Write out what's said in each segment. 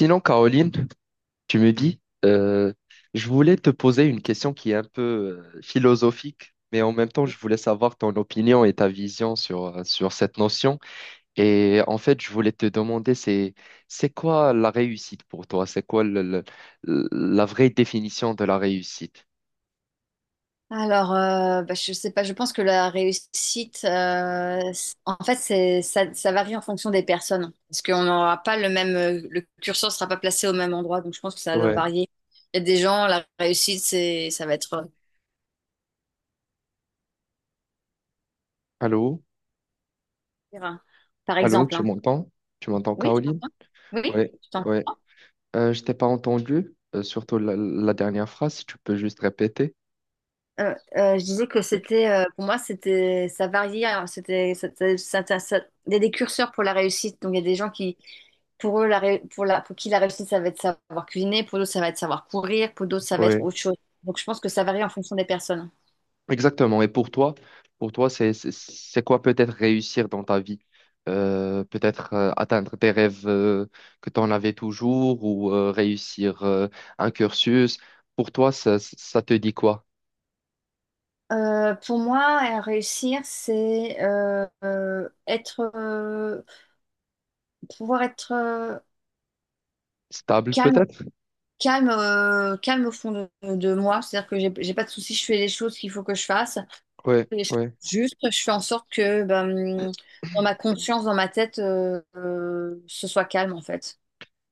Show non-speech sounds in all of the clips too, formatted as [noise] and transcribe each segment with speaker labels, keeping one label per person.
Speaker 1: Sinon, Caroline, tu me dis, euh, je voulais te poser une question qui est un peu philosophique, mais en même temps, je voulais savoir ton opinion et ta vision sur, sur cette notion. Et en fait, je voulais te demander, c'est quoi la réussite pour toi? C'est quoi la vraie définition de la réussite?
Speaker 2: Je sais pas, je pense que la réussite, en fait, c'est, ça varie en fonction des personnes. Parce qu'on n'aura pas le même, le curseur sera pas placé au même endroit, donc je pense que ça va
Speaker 1: Ouais.
Speaker 2: varier. Il y a des gens, la réussite, c'est, ça va être,
Speaker 1: Allô?
Speaker 2: euh, par
Speaker 1: Allô,
Speaker 2: exemple,
Speaker 1: tu
Speaker 2: hein.
Speaker 1: m'entends? Tu m'entends,
Speaker 2: Oui, je
Speaker 1: Caroline?
Speaker 2: t'entends. Oui,
Speaker 1: Ouais,
Speaker 2: je
Speaker 1: ouais.
Speaker 2: t'entends.
Speaker 1: Je t'ai pas entendu, surtout la dernière phrase, si tu peux juste répéter.
Speaker 2: Je disais que c'était, pour moi, c'était, ça variait, hein. Il y a des curseurs pour la réussite. Donc, il y a des gens qui, pour eux, la, ré- pour la, pour qui la réussite, ça va être savoir cuisiner. Pour d'autres, ça va être savoir courir. Pour d'autres, ça va être
Speaker 1: Ouais.
Speaker 2: autre chose. Donc, je pense que ça varie en fonction des personnes.
Speaker 1: Exactement. Et pour toi, c'est quoi peut-être réussir dans ta vie? Peut-être atteindre tes rêves que tu en avais toujours ou réussir un cursus. Pour toi, ça te dit quoi?
Speaker 2: Pour moi, réussir, c'est être, pouvoir être,
Speaker 1: Stable
Speaker 2: calme,
Speaker 1: peut-être?
Speaker 2: calme au fond de moi. C'est-à-dire que j'ai pas de soucis, je fais les choses qu'il faut que je fasse.
Speaker 1: Ouais,
Speaker 2: Et je-
Speaker 1: ouais.
Speaker 2: Juste, je fais en sorte que ben, dans ma conscience, dans ma tête, ce soit calme en fait.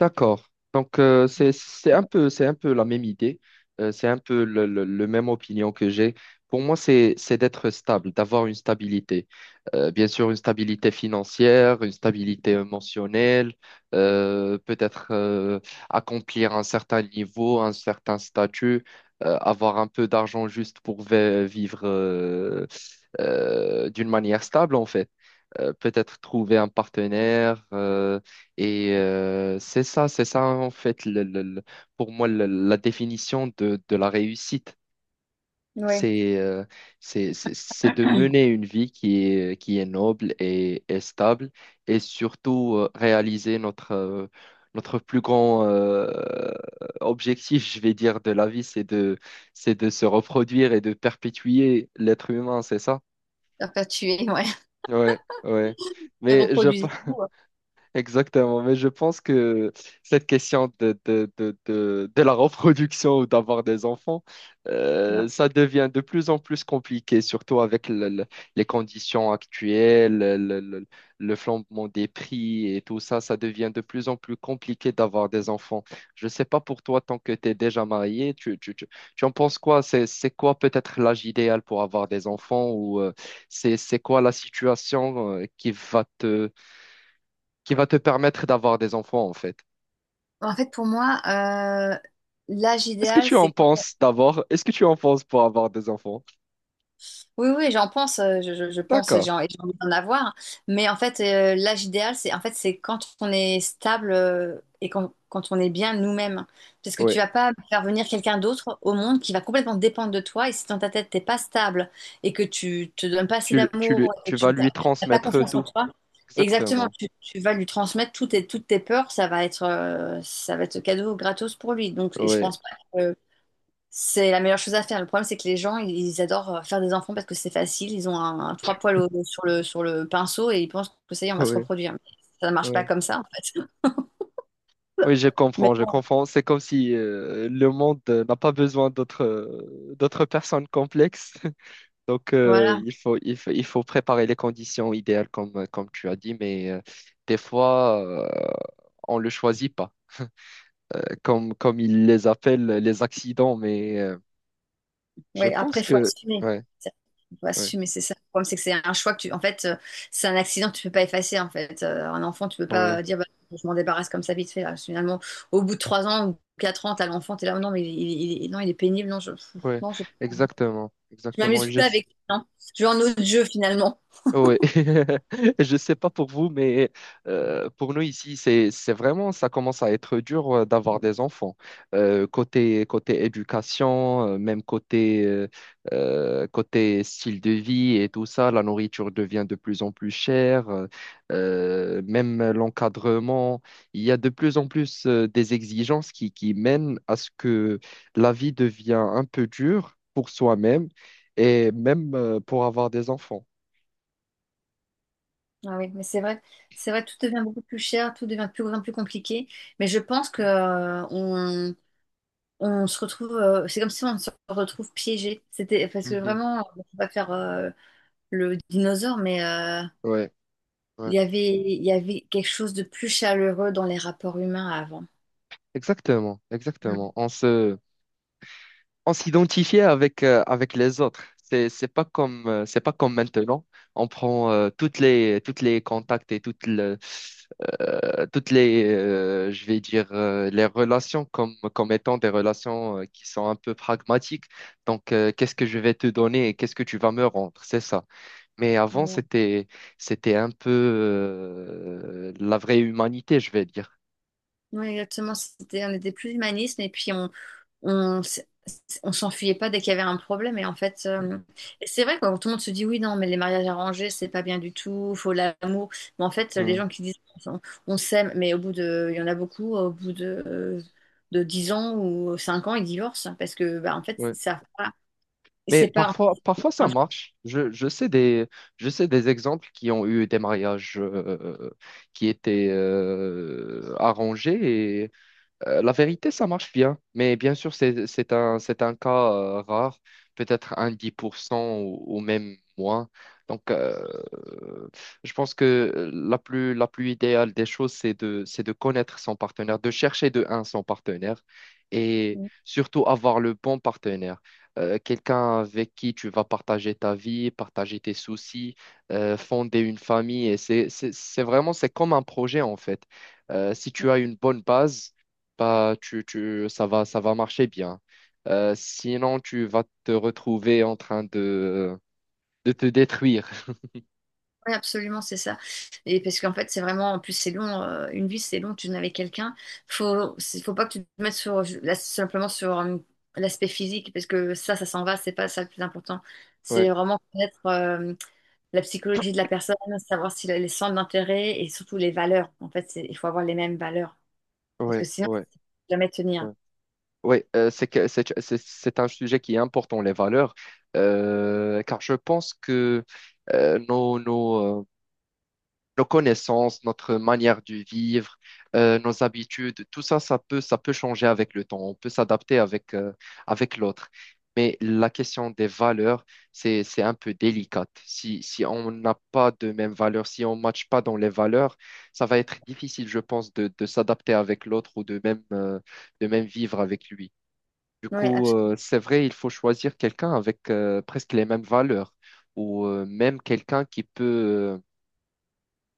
Speaker 1: D'accord. Donc, c'est un peu la même idée. C'est un peu le même opinion que j'ai. Pour moi, c'est d'être stable, d'avoir une stabilité. Bien sûr, une stabilité financière, une stabilité émotionnelle, peut-être accomplir un certain niveau, un certain statut, avoir un peu d'argent juste pour vivre d'une manière stable, en fait peut-être trouver un partenaire. Et c'est ça en fait, pour moi, la définition de la réussite.
Speaker 2: Oui.
Speaker 1: C'est euh, c'est c'est de
Speaker 2: [clears throat]
Speaker 1: mener une vie qui est noble et stable et surtout réaliser notre, notre plus grand objectif, je vais dire, de la vie, c'est de se reproduire et de perpétuer l'être humain, c'est ça?
Speaker 2: Perpétuer, ouais.
Speaker 1: Ouais, ouais.
Speaker 2: Et
Speaker 1: Mais je,
Speaker 2: reproduisez-vous, ouais.
Speaker 1: exactement, mais je pense que cette question de la reproduction ou d'avoir des enfants,
Speaker 2: Ouais.
Speaker 1: ça devient de plus en plus compliqué, surtout avec les conditions actuelles, le flambement des prix et tout ça, ça devient de plus en plus compliqué d'avoir des enfants. Je ne sais pas pour toi, tant que tu es déjà marié, tu en penses quoi? C'est quoi peut-être l'âge idéal pour avoir des enfants ou c'est quoi la situation qui va te permettre d'avoir des enfants, en fait.
Speaker 2: En fait, pour moi, euh, l'âge
Speaker 1: Est-ce que
Speaker 2: idéal,
Speaker 1: tu en
Speaker 2: c'est...
Speaker 1: penses d'abord? Est-ce que tu en penses pour avoir des enfants?
Speaker 2: Oui, oui, j'en pense, je pense,
Speaker 1: D'accord,
Speaker 2: j'ai envie d'en avoir. Mais en fait, l'âge idéal, c'est en fait, c'est quand on est stable, et quand, quand on est bien nous-mêmes. Parce que
Speaker 1: oui.
Speaker 2: tu vas pas faire venir quelqu'un d'autre au monde qui va complètement dépendre de toi. Et si dans ta tête, t'es pas stable et que tu te donnes pas assez d'amour, et
Speaker 1: Tu
Speaker 2: que tu
Speaker 1: vas lui
Speaker 2: n'as pas
Speaker 1: transmettre
Speaker 2: confiance en
Speaker 1: tout.
Speaker 2: toi, exactement,
Speaker 1: Exactement.
Speaker 2: tu vas lui transmettre toutes tes peurs, ça va être cadeau gratos pour lui. Donc, et je
Speaker 1: Oui,
Speaker 2: pense pas c'est la meilleure chose à faire. Le problème, c'est que les gens, ils adorent faire des enfants parce que c'est facile. Ils ont un trois poils au- sur sur le pinceau et ils pensent que ça y est, on va se
Speaker 1: oui,
Speaker 2: reproduire. Mais ça ne marche pas
Speaker 1: oui.
Speaker 2: comme ça, en fait.
Speaker 1: Oui, je
Speaker 2: [laughs] Mais
Speaker 1: comprends, je
Speaker 2: bon,
Speaker 1: comprends. C'est comme si le monde n'a pas besoin d'autres d'autres personnes complexes. [laughs] Donc,
Speaker 2: voilà.
Speaker 1: il faut préparer les conditions idéales, comme tu as dit, mais des fois, on ne le choisit pas, comme ils les appellent les accidents, mais. Je
Speaker 2: Ouais, après,
Speaker 1: pense
Speaker 2: il faut
Speaker 1: que,
Speaker 2: assumer.
Speaker 1: ouais,
Speaker 2: Ça- Faut
Speaker 1: ouais,
Speaker 2: assumer, c'est ça. Le problème, c'est que c'est un choix que tu... En fait, c'est un accident que tu peux pas effacer, en fait. Un enfant, tu peux pas
Speaker 1: ouais,
Speaker 2: dire, bah, je m'en débarrasse comme ça vite fait. Là, finalement, au bout de trois ans ou quatre ans, t'as l'enfant, t'es là, non, mais non, il est pénible. Non, je,
Speaker 1: ouais,
Speaker 2: non, je,
Speaker 1: exactement,
Speaker 2: je
Speaker 1: exactement.
Speaker 2: m'amuse
Speaker 1: Je,
Speaker 2: plus avec lui, non. Je vais en autre jeu, finalement.
Speaker 1: oui, [laughs] je sais pas pour vous, mais pour nous ici, c'est vraiment, ça commence à être dur d'avoir des enfants. Côté éducation, même côté côté style de vie et tout ça, la nourriture devient de plus en plus chère. Même l'encadrement, il y a de plus en plus des exigences qui mènent à ce que la vie devient un peu dure pour soi-même et même pour avoir des enfants.
Speaker 2: Ah oui, mais c'est vrai, tout devient beaucoup plus cher, tout devient de plus grand, plus compliqué. Mais je pense que on se retrouve, c'est comme si on se retrouve piégé. C'était parce que vraiment, on va pas faire le dinosaure, mais
Speaker 1: Ouais, ouais.
Speaker 2: il y avait quelque chose de plus chaleureux dans les rapports humains avant.
Speaker 1: Exactement, exactement. On se, on s'identifiait avec, avec les autres. C'est pas comme maintenant. On prend toutes les contacts et toutes les, je vais dire, les relations comme étant des relations qui sont un peu pragmatiques. Donc, qu'est-ce que je vais te donner et qu'est-ce que tu vas me rendre? C'est ça. Mais avant,
Speaker 2: Ouais.
Speaker 1: c'était un peu la vraie humanité, je vais dire.
Speaker 2: Oui, exactement. C'était, on était plus humaniste et puis on on s'enfuyait pas dès qu'il y avait un problème. Et en fait, et c'est vrai, quoi, quand tout le monde se dit oui, non, mais les mariages arrangés, c'est pas bien du tout, faut l'amour. Mais en fait, les gens qui disent on, on s'aime, mais au bout de, il y en a beaucoup, au bout de 10 ans ou 5 ans, ils divorcent parce que, bah, en fait, ça,
Speaker 1: Oui,
Speaker 2: ils savent pas,
Speaker 1: mais
Speaker 2: c'est pas...
Speaker 1: parfois, parfois ça marche. Je sais des exemples qui ont eu des mariages qui étaient arrangés la vérité, ça marche bien, mais bien sûr, c'est un cas rare, peut-être un 10% ou même moins. Donc, je pense que la plus idéale des choses, c'est de connaître son partenaire, de chercher de un son partenaire et surtout avoir le bon partenaire. Quelqu'un avec qui tu vas partager ta vie, partager tes soucis, fonder une famille. Et c'est vraiment, c'est comme un projet en fait. Si tu as une bonne base, bah, ça va marcher bien. Sinon, tu vas te retrouver en train de te détruire. [laughs]
Speaker 2: Oui, absolument, c'est ça. Et parce qu'en fait, c'est vraiment, en plus, c'est long, une vie, c'est long, tu n'es avec quelqu'un. Faut pas que tu te mettes sur, là, simplement sur l'aspect physique, parce que ça s'en va, c'est pas ça le plus important. C'est
Speaker 1: Ouais,
Speaker 2: vraiment connaître la psychologie de la personne, savoir si les centres d'intérêt et surtout les valeurs. Il faut avoir les mêmes valeurs, parce que
Speaker 1: ouais,
Speaker 2: sinon, tu
Speaker 1: ouais,
Speaker 2: peux jamais tenir.
Speaker 1: ouais. Ouais, c'est que c'est un sujet qui est important, les valeurs. Car je pense que euh, nos, nos, euh, nos connaissances, notre manière de vivre, nos habitudes, tout ça, ça peut changer avec le temps. On peut s'adapter avec, avec l'autre. Mais la question des valeurs, c'est un peu délicate. Si on n'a pas de mêmes valeurs, si on ne matche pas dans les valeurs, ça va être difficile, je pense, de s'adapter avec l'autre ou de même vivre avec lui. Du
Speaker 2: Oui,
Speaker 1: coup,
Speaker 2: absolument.
Speaker 1: c'est vrai, il faut choisir quelqu'un avec presque les mêmes valeurs ou même quelqu'un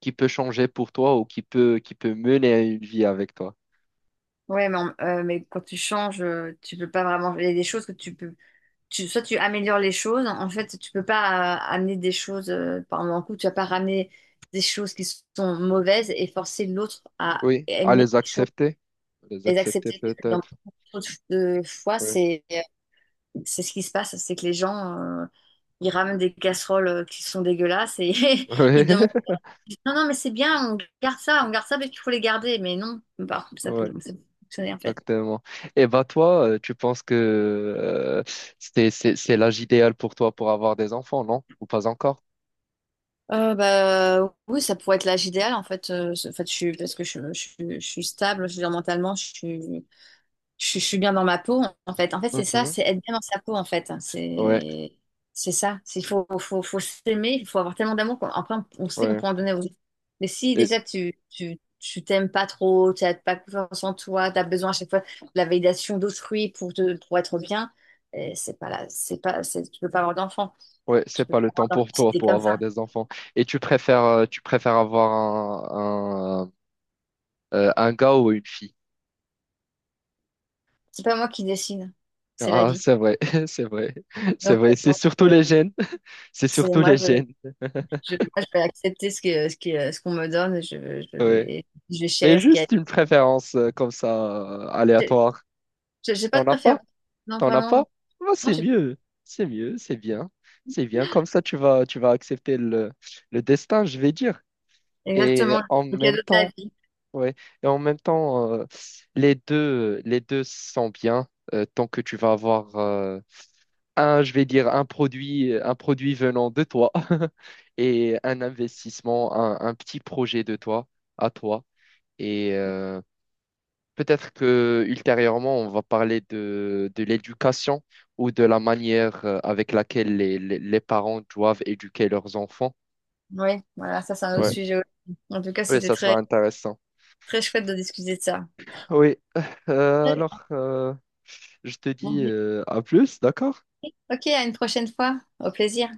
Speaker 1: qui peut changer pour toi ou qui peut mener à une vie avec toi.
Speaker 2: Mais quand tu changes, tu peux pas vraiment. Il y a des choses que tu peux... tu, soit tu améliores les choses. En fait, tu peux pas amener des choses, par exemple, un coup, tu vas pas ramener des choses qui sont mauvaises et forcer l'autre à
Speaker 1: Oui, à
Speaker 2: aimer
Speaker 1: les
Speaker 2: les choses,
Speaker 1: accepter. Les
Speaker 2: les
Speaker 1: accepter
Speaker 2: accepter. Parce que dans
Speaker 1: peut-être.
Speaker 2: beaucoup de fois,
Speaker 1: Oui,
Speaker 2: c'est ce qui se passe, c'est que les gens, ils ramènent des casseroles qui sont dégueulasses et
Speaker 1: [laughs]
Speaker 2: [laughs]
Speaker 1: oui,
Speaker 2: ils demandent, non, non, mais c'est bien, on garde ça parce qu'il faut les garder. Mais non, par
Speaker 1: oui,
Speaker 2: ça peut fonctionner en fait.
Speaker 1: exactement. Et bah toi, tu penses que c'est l'âge idéal pour toi pour avoir des enfants, non? Ou pas encore?
Speaker 2: Oui, ça pourrait être l'âge idéal en fait. En fait, je suis, parce que je suis stable, je veux dire, mentalement, je suis bien dans ma peau en fait. En fait, c'est ça,
Speaker 1: Mhm.
Speaker 2: c'est être bien dans sa peau en fait.
Speaker 1: Ouais,
Speaker 2: C'est ça. Il faut, faut s'aimer, il faut avoir tellement d'amour qu'après on sait qu'on
Speaker 1: ouais.
Speaker 2: peut en donner aux autres. Mais si
Speaker 1: Et,
Speaker 2: déjà tu t'aimes pas trop, tu n'as pas confiance en toi, tu as besoin à chaque fois de la validation d'autrui pour te, pour être bien, c'est pas là, c'est pas, c'est, tu peux pas avoir d'enfant.
Speaker 1: ouais,
Speaker 2: Tu
Speaker 1: c'est
Speaker 2: peux
Speaker 1: pas le
Speaker 2: pas avoir
Speaker 1: temps
Speaker 2: d'enfant
Speaker 1: pour
Speaker 2: si
Speaker 1: toi
Speaker 2: t'es
Speaker 1: pour
Speaker 2: comme
Speaker 1: avoir
Speaker 2: ça.
Speaker 1: des enfants. Et tu préfères avoir un, un, un gars ou une fille?
Speaker 2: C'est pas moi qui décide, c'est la
Speaker 1: Ah,
Speaker 2: vie.
Speaker 1: c'est vrai, [laughs] c'est vrai, c'est
Speaker 2: Donc,
Speaker 1: vrai. C'est
Speaker 2: moi,
Speaker 1: surtout
Speaker 2: je,
Speaker 1: les gènes. C'est
Speaker 2: c'est
Speaker 1: surtout
Speaker 2: moi,
Speaker 1: les gènes,
Speaker 2: je vais accepter ce qu'on me donne. Je
Speaker 1: ouais.
Speaker 2: vais, je vais
Speaker 1: Mais
Speaker 2: chérir ce qu'il y a.
Speaker 1: juste une préférence comme ça,
Speaker 2: J'ai
Speaker 1: aléatoire.
Speaker 2: j'ai pas
Speaker 1: T'en
Speaker 2: de
Speaker 1: as
Speaker 2: préférence.
Speaker 1: pas?
Speaker 2: Non,
Speaker 1: T'en as
Speaker 2: vraiment. Non,
Speaker 1: pas? Ah,
Speaker 2: non,
Speaker 1: c'est
Speaker 2: j'ai...
Speaker 1: mieux. C'est mieux, c'est bien. C'est bien. Comme ça, tu vas accepter le destin, je vais dire. Et
Speaker 2: exactement
Speaker 1: en
Speaker 2: le cadeau
Speaker 1: même
Speaker 2: de la
Speaker 1: temps,
Speaker 2: vie.
Speaker 1: ouais. Et en même temps, les deux sont bien. Tant que tu vas avoir un, je vais dire, un produit venant de toi [laughs] et un investissement, un petit projet de toi, à toi. Et peut-être que ultérieurement, on va parler de l'éducation ou de la manière avec laquelle les parents doivent éduquer leurs enfants.
Speaker 2: Oui, voilà, ça, c'est un autre
Speaker 1: Ouais.
Speaker 2: sujet aussi. En tout cas,
Speaker 1: Oui,
Speaker 2: c'était
Speaker 1: ça sera
Speaker 2: très,
Speaker 1: intéressant.
Speaker 2: très chouette de discuter de ça.
Speaker 1: Oui, [laughs] Alors, je te
Speaker 2: Bon,
Speaker 1: dis à plus, d'accord?
Speaker 2: ok, à une prochaine fois. Au plaisir.